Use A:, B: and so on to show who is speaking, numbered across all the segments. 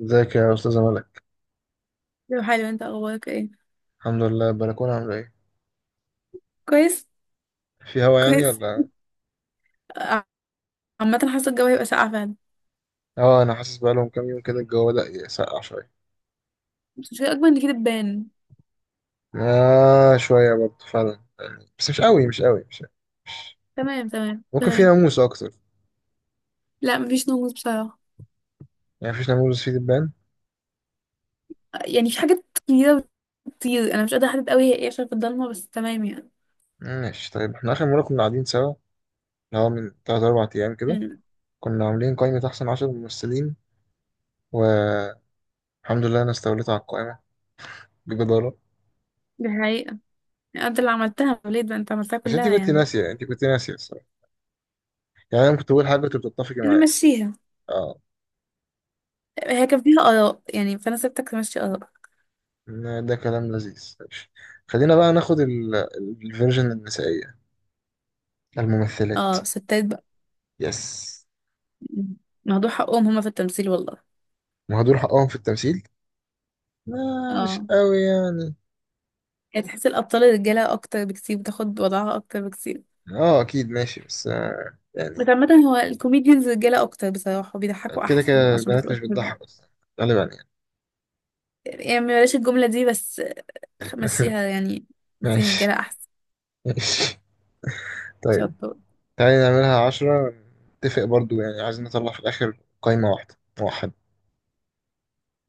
A: ازيك يا استاذه ملك.
B: لو حلو، انت اخبارك ايه؟
A: الحمد لله. البلكونه عامله ايه؟
B: كويس.
A: في هوا يعني
B: كويس.
A: ولا؟
B: ع- عامة حاسة الجو هيبقى ساقع فعلا.
A: اه، انا حاسس بقى لهم كام يوم كده الجو بدأ يسقع شويه.
B: بس مش هيبقى اكبر من كده تبان.
A: اه شويه برضه فعلا يعني، بس مش قوي مش قوي مش قوي.
B: تمام، تمام،
A: ممكن في
B: تمام.
A: ناموس اكتر.
B: لا مفيش نوموس بصراحة.
A: يعني مفيش ناموس في دبان؟
B: يعني في حاجات كتيرة بتطير، انا مش قادرة احدد قوي هي ايه عشان في الضلمة، بس تمام يعني.
A: ماشي طيب، احنا اخر مره كنا قاعدين سوا، اللي هو من 3 4 ايام كده،
B: امم
A: كنا عاملين قائمه احسن 10 ممثلين، والحمد لله انا استوليت على القائمه بجداره.
B: دي حقيقة. يعني انت اللي عملتها وليد، بقى انت عملتها
A: بس انت
B: كلها
A: كنت
B: يعني.
A: ناسيه انت كنت ناسيه الصراحه، يعني انا كنت بقول حاجه كنت بتتفقي معايا.
B: نمشيها.
A: آه.
B: هي كان فيها آراء يعني فانا سبتك تمشي آراء.
A: ده كلام لذيذ ماشي. خلينا بقى ناخد الفيرجن النسائية، الممثلات.
B: اه، ستات بقى.
A: يس.
B: مم. موضوع حقهم هما في التمثيل والله.
A: وهدول حقهم في التمثيل. مش
B: اه.
A: قوي يعني.
B: يعني تحس الأبطال الرجالة أكتر بكتير، بتاخد وضعها أكتر بكتير.
A: اه اكيد ماشي بس
B: بس
A: يعني
B: عامة هو الكوميديانز رجالة أكتر بصراحة، بيضحكوا
A: كده
B: أحسن
A: كده
B: عشان بس.
A: البنات مش بتضحك اصلا غالبا يعني.
B: بلاش الجملة دي، بس مشيها يعني. مشيها،
A: ماشي
B: رجالة أحسن.
A: ماشي. طيب
B: شطور.
A: تعالي نعملها عشرة، نتفق برضو يعني، عايزين نطلع في الآخر قايمة واحدة موحدة.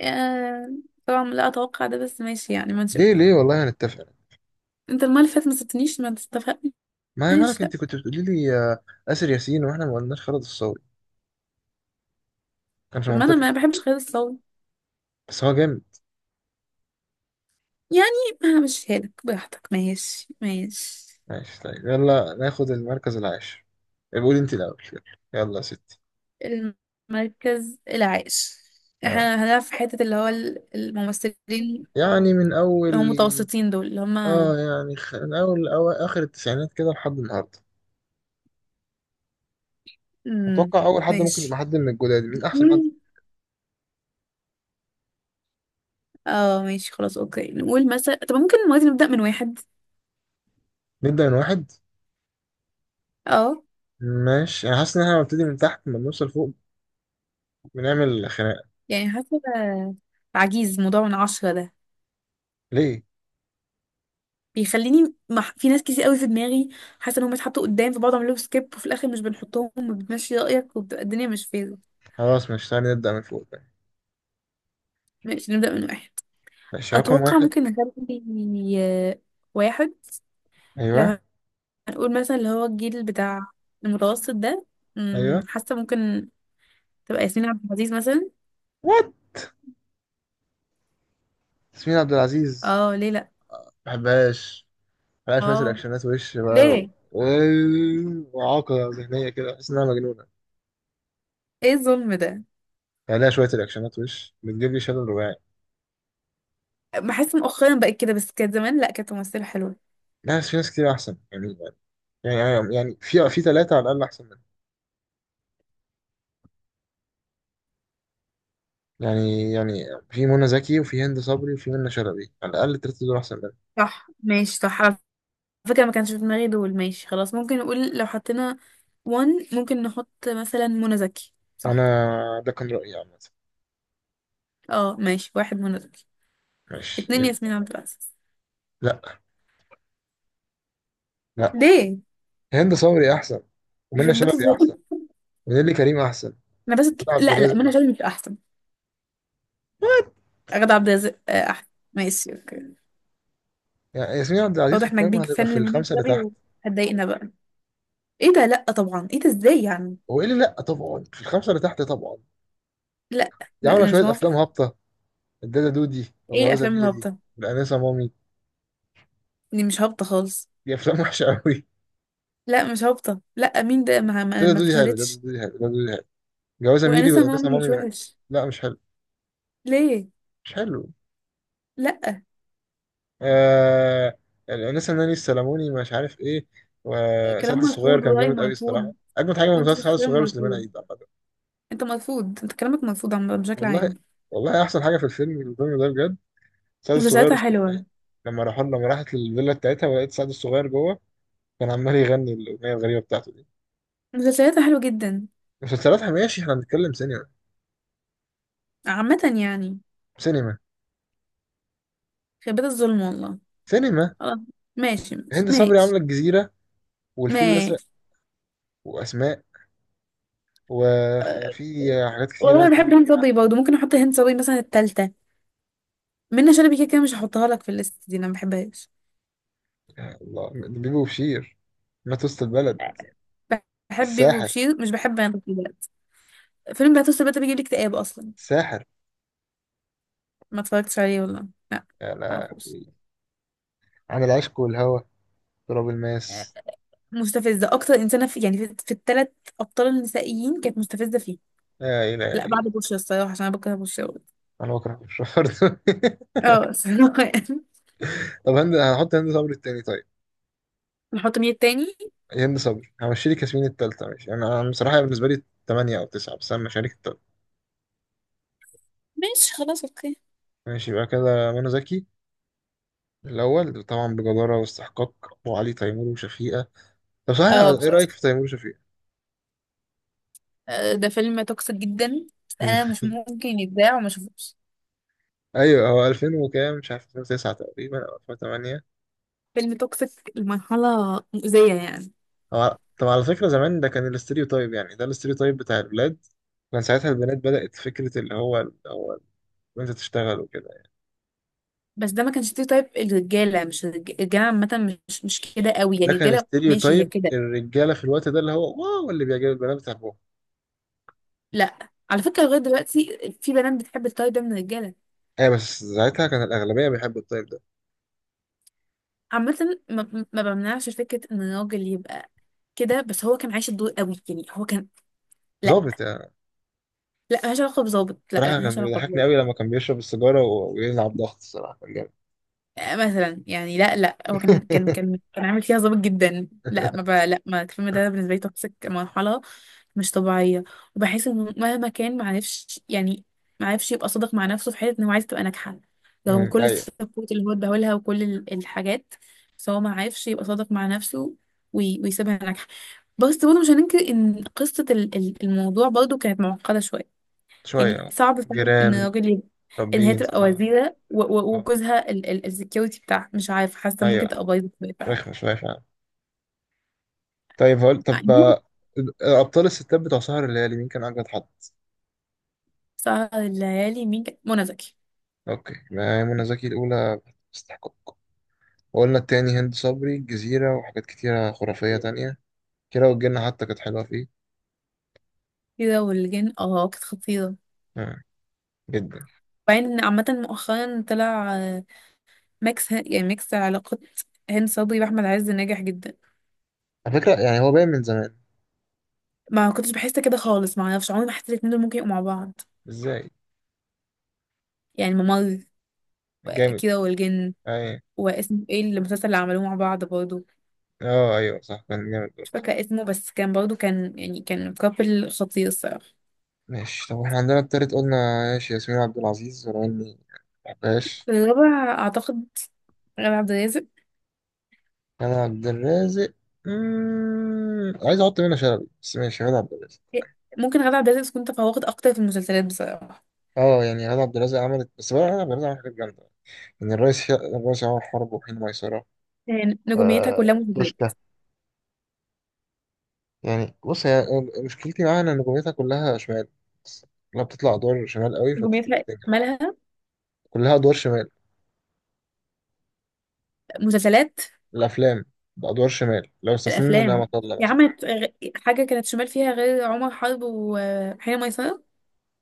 B: آه، طبعا لا أتوقع ده، بس ماشي يعني، ما نشوف.
A: ليه ليه والله هنتفق.
B: أنت المرة اللي فاتت ما سبتنيش ما تستفقنيش.
A: ما هي مالك، انت كنت بتقولي لي آسر ياسين واحنا ما قلناش خالد الصاوي، كانش
B: طب ما أنا
A: منطقي.
B: ما بحبش غير الصوت.
A: بس هو جامد.
B: يعني همشيها لك براحتك، ماشي ماشي.
A: ماشي طيب، يلا ناخد المركز العاشر. قول انت الاول يلا، يلا يا ستي.
B: المركز العاشر،
A: آه.
B: احنا هنلعب في حتة اللي هو الممثلين
A: يعني من اول،
B: اللي هم متوسطين دول اللي هم.
A: اه يعني من اول أو اخر التسعينات كده لحد النهارده.
B: مم،
A: اتوقع اول حد ممكن يبقى
B: ماشي.
A: حد من الجداد، مين احسن حد؟
B: مم. اه ماشي خلاص اوكي، نقول مثلا، طب ممكن دلوقتي نبدأ من واحد.
A: نبدا من واحد.
B: اه.
A: ماشي، انا حاسس ان احنا بنبتدي من تحت لما بنوصل فوق بنعمل خناقه.
B: يعني حاسة عجيز موضوع من عشرة ده
A: ليه؟
B: بيخليني في ناس كتير قوي في دماغي، حاسة انهم اتحطوا قدام فبقعد اعمل لهم سكيب، وفي الاخر مش بنحطهم وبتمشي رأيك وبتبقى الدنيا مش فايرة.
A: خلاص مش، تعالى نبدا من فوق بقى.
B: ماشي، نبدأ من واحد.
A: ماشي رقم
B: اتوقع
A: واحد.
B: ممكن نخلي، آه، واحد،
A: ايوه
B: لو هنقول مثلا اللي هو الجيل بتاع المتوسط ده. مم،
A: ايوه.
B: حاسة ممكن تبقى ياسمين عبد العزيز مثلا.
A: وات؟ ياسمين عبد العزيز؟
B: اه ليه لا؟
A: ما بحبهاش بقى. شوية
B: اه
A: الأكشنات وش بقى و...
B: ليه؟
A: و- وإعاقة ذهنية كده بحس إنها مجنونة.
B: ايه الظلم ده؟
A: يعني لها شوية الأكشنات وش بتجيب لي شلل رباعي.
B: بحس مؤخرا بقت كده، بس كانت زمان لا، كانت ممثلة حلوة.
A: ناس في ناس كتير أحسن يعني في ثلاثة على الأقل أحسن منها. يعني في منى زكي وفي هند صبري وفي منى شلبي، على الأقل التلاتة دول أحسن منها.
B: صح، ماشي، صح على فكرة ما كانش في دماغي دول. ماشي خلاص، ممكن نقول لو حطينا وان ممكن نحط مثلا منى زكي،
A: وأنا
B: صح؟
A: ده كان رأيي عامة.
B: اه ماشي، واحد منى زكي،
A: ماشي
B: اتنين ياسمين
A: يبقى.
B: عبد العزيز.
A: لأ، لأ.
B: ليه؟
A: هند صبري أحسن، ومنى
B: يخرب بيت
A: شلبي
B: الظلم.
A: أحسن، ونيلي كريم أحسن،
B: انا بس.
A: وده عبد
B: لا لا،
A: الرازق
B: منى
A: أحسن.
B: شلبي مش احسن. غادة عبد الرازق آه، احسن. ماشي اوكي.
A: يعني ياسمين عبد العزيز في
B: واضح انك
A: القائمة
B: بيج
A: هتبقى
B: فان
A: في
B: لمنى
A: الخمسة اللي تحت.
B: شلبي وهتضايقنا بقى. ايه ده؟ لا طبعا، ايه ده، ازاي يعني؟
A: وإيه اللي لأ طبعا، في الخمسة اللي تحت طبعا.
B: لا،
A: دي عامله
B: انا مش
A: شويه افلام
B: موافقة.
A: هابطه، الدادا دودي
B: ايه
A: وجوازه
B: الافلام
A: ميري
B: الهابطة؟
A: والانسه مامي.
B: دي مش هابطة خالص.
A: دي افلام وحشه قوي.
B: لا مش هابطة، لا، مين ده؟ ما, ما,
A: دادا
B: ما
A: دودي حلو دادا
B: فشلتش.
A: دودي حلو دادا دودي حلو. جوازه ميري
B: وانسه
A: والانسه
B: مامي مش
A: مامي،
B: وحش.
A: لا مش حلو
B: ليه؟
A: مش حلو.
B: لا.
A: آه... الانسه ناني السلموني مش عارف ايه.
B: كلام
A: وسعد الصغير
B: مرفوض
A: كان
B: ورأي
A: جامد قوي الصراحه،
B: مرفوض،
A: اجمد حاجه في
B: وانت
A: مسلسل سعد
B: شخصيا
A: الصغير وسليمان
B: مرفوض،
A: عيد عامه.
B: انت مرفوض، انت كلامك مرفوض عم بشكل
A: والله
B: عام.
A: والله احسن حاجه في الفيلم ده بجد، سعد الصغير
B: مسلسلاتها
A: وسليمان عيد.
B: حلوة.
A: لما راحت للفيلا بتاعتها ولقيت سعد الصغير جوه كان عمال يغني الاغنيه الغريبه بتاعته دي.
B: مسلسلاتها حلوة جدا.
A: مسلسلات ماشي، احنا بنتكلم سينما.
B: عامة يعني.
A: سينما
B: خيبات الظلم والله.
A: سينما.
B: خلاص، ماشي ماشي
A: هند صبري عامله
B: ماشي.
A: الجزيره والفيل
B: ماشي.
A: الازرق واسماء،
B: أه،
A: وفي حاجات
B: والله
A: كتيره
B: انا بحب
A: تانية.
B: هند صبري برضه، ممكن احط هند صبري مثلا التالتة. منة شلبي كده كده مش هحطها لك في الليست دي، انا ما بحبهاش.
A: يا الله، بيبي وبشير، ما توسط البلد،
B: بحب بيبو
A: الساحر،
B: وبشير، مش بحب انا فيلم بهتوت بقى، بيجيب لي اكتئاب اصلا.
A: الساحر.
B: ما اتفرجتش عليه والله. لا،
A: يا
B: معرفوش.
A: لهوي. عن العشق والهوى، تراب
B: آه،
A: الماس.
B: مستفزه اكتر انسانه في يعني في الثلاث ابطال النسائيين، كانت مستفزه فيه.
A: لا
B: لا
A: إلهي.
B: بعد بوشي الصراحه، عشان انا بكره بوشي أوي.
A: أنا بكره الشهر ده.
B: اه الصراحه يعني.
A: طب هحط هند صبري التاني طيب.
B: نحط مين التاني؟
A: هند صبري همشي لك ياسمين التالتة ماشي. أنا بصراحة بالنسبة لي تمانية أو تسعة، بس أنا مشاريك التالتة.
B: ماشي خلاص اوكي.
A: ماشي يبقى كده منى زكي الأول طبعا بجدارة واستحقاق، وعلي تيمور وشفيقة. طب صحيح،
B: اه
A: ايه
B: بصراحه
A: رأيك في تيمور شفيق؟
B: آه، ده فيلم توكسيك جدا، بس انا مش ممكن يتذاع وما اشوفوش.
A: ايوه هو 2000 وكام، مش عارف، 2009 تقريبا او 2008.
B: فيلم توكسيك لمرحله مؤذيه يعني.
A: هو طب على فكرة زمان ده كان الاستيريو تايب، يعني ده الاستيريو تايب بتاع الولاد. كان ساعتها البنات بدأت فكرة اللي هو انت تشتغل وكده يعني.
B: بس ده ما كانش تايب الرجاله، مش الرجاله عامه مش مش كده قوي
A: ده
B: يعني،
A: كان
B: الرجاله
A: استيريو
B: ماشي هي
A: تايب
B: كده.
A: الرجالة في الوقت ده، اللي هو واو اللي بيعجب البنات بتحبهم.
B: لا على فكره لغايه دلوقتي في بنات بتحب التاي ده من الرجاله.
A: ايه بس ساعتها كان الأغلبية بيحبوا التايب ده،
B: عامه ما بمنعش فكره ان الراجل يبقى كده، بس هو كان عايش الدور قوي يعني هو كان. لا.
A: ظابط يعني.
B: لا ملهاش علاقه بظابط، لا لا
A: صراحة كان
B: ملهاش علاقه.
A: بيضحكني قوي لما كان بيشرب السيجارة ويلعب ضغط، الصراحة كان جامد.
B: آه، مثلا يعني لا لا، هو كان كان كان كان عامل فيها ظابط جدا، لا ما بقى لا، ما الفيلم ده بالنسبه لي توكسيك مرحله مش طبيعيه. وبحس انه مهما كان ما عرفش يعني ما عرفش يبقى صادق مع نفسه في حته انه عايز تبقى ناجحه، رغم كل
A: ايوه.
B: السبورت اللي هو اداهولها وكل الحاجات. بس هو ما عرفش يبقى صادق مع نفسه ويسيبها ناجحه. بس برضه مش هننكر ان قصه الموضوع برضه كانت معقده شويه.
A: شوية
B: يعني
A: آه.
B: صعب فعلا ان
A: جيران.
B: الراجل يبقى،
A: طب
B: ان هي
A: بينز
B: تبقى
A: اه.
B: وزيرة و
A: آه.
B: وجوزها السكيورتي بتاعها، مش عارفة، حاسة ممكن
A: ايوه
B: تبقى بايظة شوية.
A: رخمة
B: فعلا.
A: شوية فعلا. طيب هقول طب،
B: بعدين
A: ابطال الستات بتوع سهر الليالي مين كان اجمد حد؟
B: سهر الليالي مين كان، منى زكي.
A: اوكي ما هي منى زكي الاولى، استحقاق. وقلنا التاني هند صبري، الجزيرة وحاجات كتيرة خرافية تانية، كيرة والجن حتى كانت حلوة فيه.
B: كده والجن اه كانت خطيرة.
A: آه. جدا.
B: وبعدين إن عامة مؤخرا طلع آه، ميكس يعني ميكس علاقات هند صبري واحمد عز ناجح جدا.
A: على فكرة يعني هو باين من زمان.
B: ما كنتش بحس كده خالص، ما اعرفش، عمري ما حسيت الاتنين دول ممكن يبقوا مع بعض.
A: ازاي؟
B: يعني ممر، و
A: جامد.
B: كده والجن.
A: ايوه.
B: واسمه ايه المسلسل اللي عملوه مع بعض برضه؟
A: اه ايوه صح كان جامد
B: مش
A: برضه.
B: فاكرة اسمه، بس كان برضو كان يعني كان كابل خطير الصراحة.
A: ماشي، طب احنا عندنا التالت قلنا، ماشي ياسمين عبد العزيز ولو اني مبحبهاش.
B: الرابع أعتقد غادة عبد الرازق.
A: انا عبد الرازق. عايز احط منى شلبي بس ماشي غادة عبد الرازق.
B: ممكن غادة عبد الرازق تكون تفوقت أكتر في المسلسلات بصراحة.
A: اه يعني غادة عبد الرازق عملت، بس بقى غادة عبد الرازق عملت حاجات جامدة، يعني الرئيس الرئيس عمر حرب وحين ميسرة،
B: يعني نجوميتها كلها مسلسلات.
A: توشكا. يعني بص هي، مشكلتي معاها ان نجوميتها كلها شمال، لما بتطلع ادوار شمال قوي فبتبقى
B: نجوميتها
A: بتنجح.
B: مالها.
A: كلها ادوار شمال،
B: مسلسلات.
A: الافلام بادوار شمال، لو استثنينا نعمة
B: الأفلام.
A: الله
B: هي
A: مثلا
B: عملت حاجة كانت شمال فيها غير عمر حرب وحين ميسرة.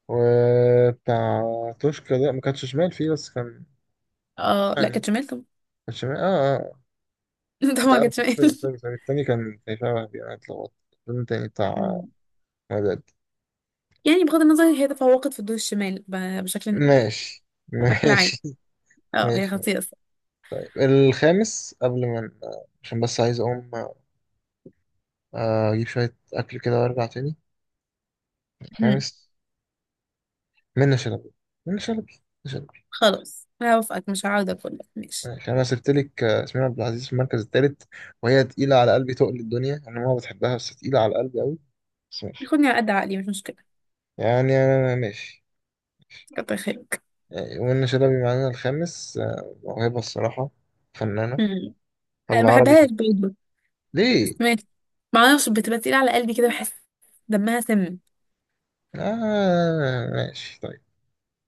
A: وبتاع توشكا ده ما كانش شمال فيه بس كان
B: اه لا
A: يعني،
B: كانت شمال طبعا.
A: كان شمال اه. آه.
B: طبعا
A: لا،
B: كانت شمال.
A: سوري سوري سوري، التاني كان شبه وهبي، انا اتلخبطت. الفيلم التاني بتاع
B: مم.
A: مدد.
B: يعني بغض النظر هي تفوقت في الدور الشمال بشكل يعني،
A: ماشي.
B: بشكل عام.
A: ماشي.
B: اه هي
A: ماشي
B: خطيرة.
A: طيب، الخامس، قبل ما عشان بس عايز اقوم اجيب شوية اكل كده وارجع تاني.
B: الصراحة
A: الخامس منة شلبي منة شلبي منة شلبي.
B: خلاص هوافقك، مش هعاود اقول لك، ماشي.
A: ماشي انا سبت لك ياسمين عبد العزيز في المركز التالت، وهي تقيلة على قلبي تقل الدنيا، انا ما بتحبها، بس تقيلة على قلبي قوي، بس ماشي.
B: بيخوني على قد عقلي مش مشكلة.
A: يعني انا ماشي.
B: كتر خيرك.
A: يعني منة شلبي معانا الخامس، موهبة الصراحة، فنانة.
B: مم.
A: طب
B: أنا ما
A: العربي
B: بحبهاش
A: كده.
B: برضه،
A: ليه؟
B: بس ماشي. معرفش بتبقى تقيلة على قلبي كده بحس، دمها سم.
A: آه ماشي طيب.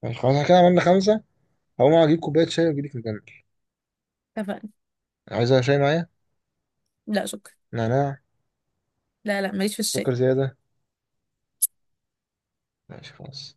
A: ماشي خلاص احنا كده عملنا خمسة. هقوم أجيب كوباية شاي وأجيلك نكمل.
B: اتفقنا.
A: عايزة شاي معايا؟
B: لا شكرا.
A: نعناع.
B: لا لا ماليش في
A: سكر
B: الشاي.
A: زيادة. ماشي خلاص.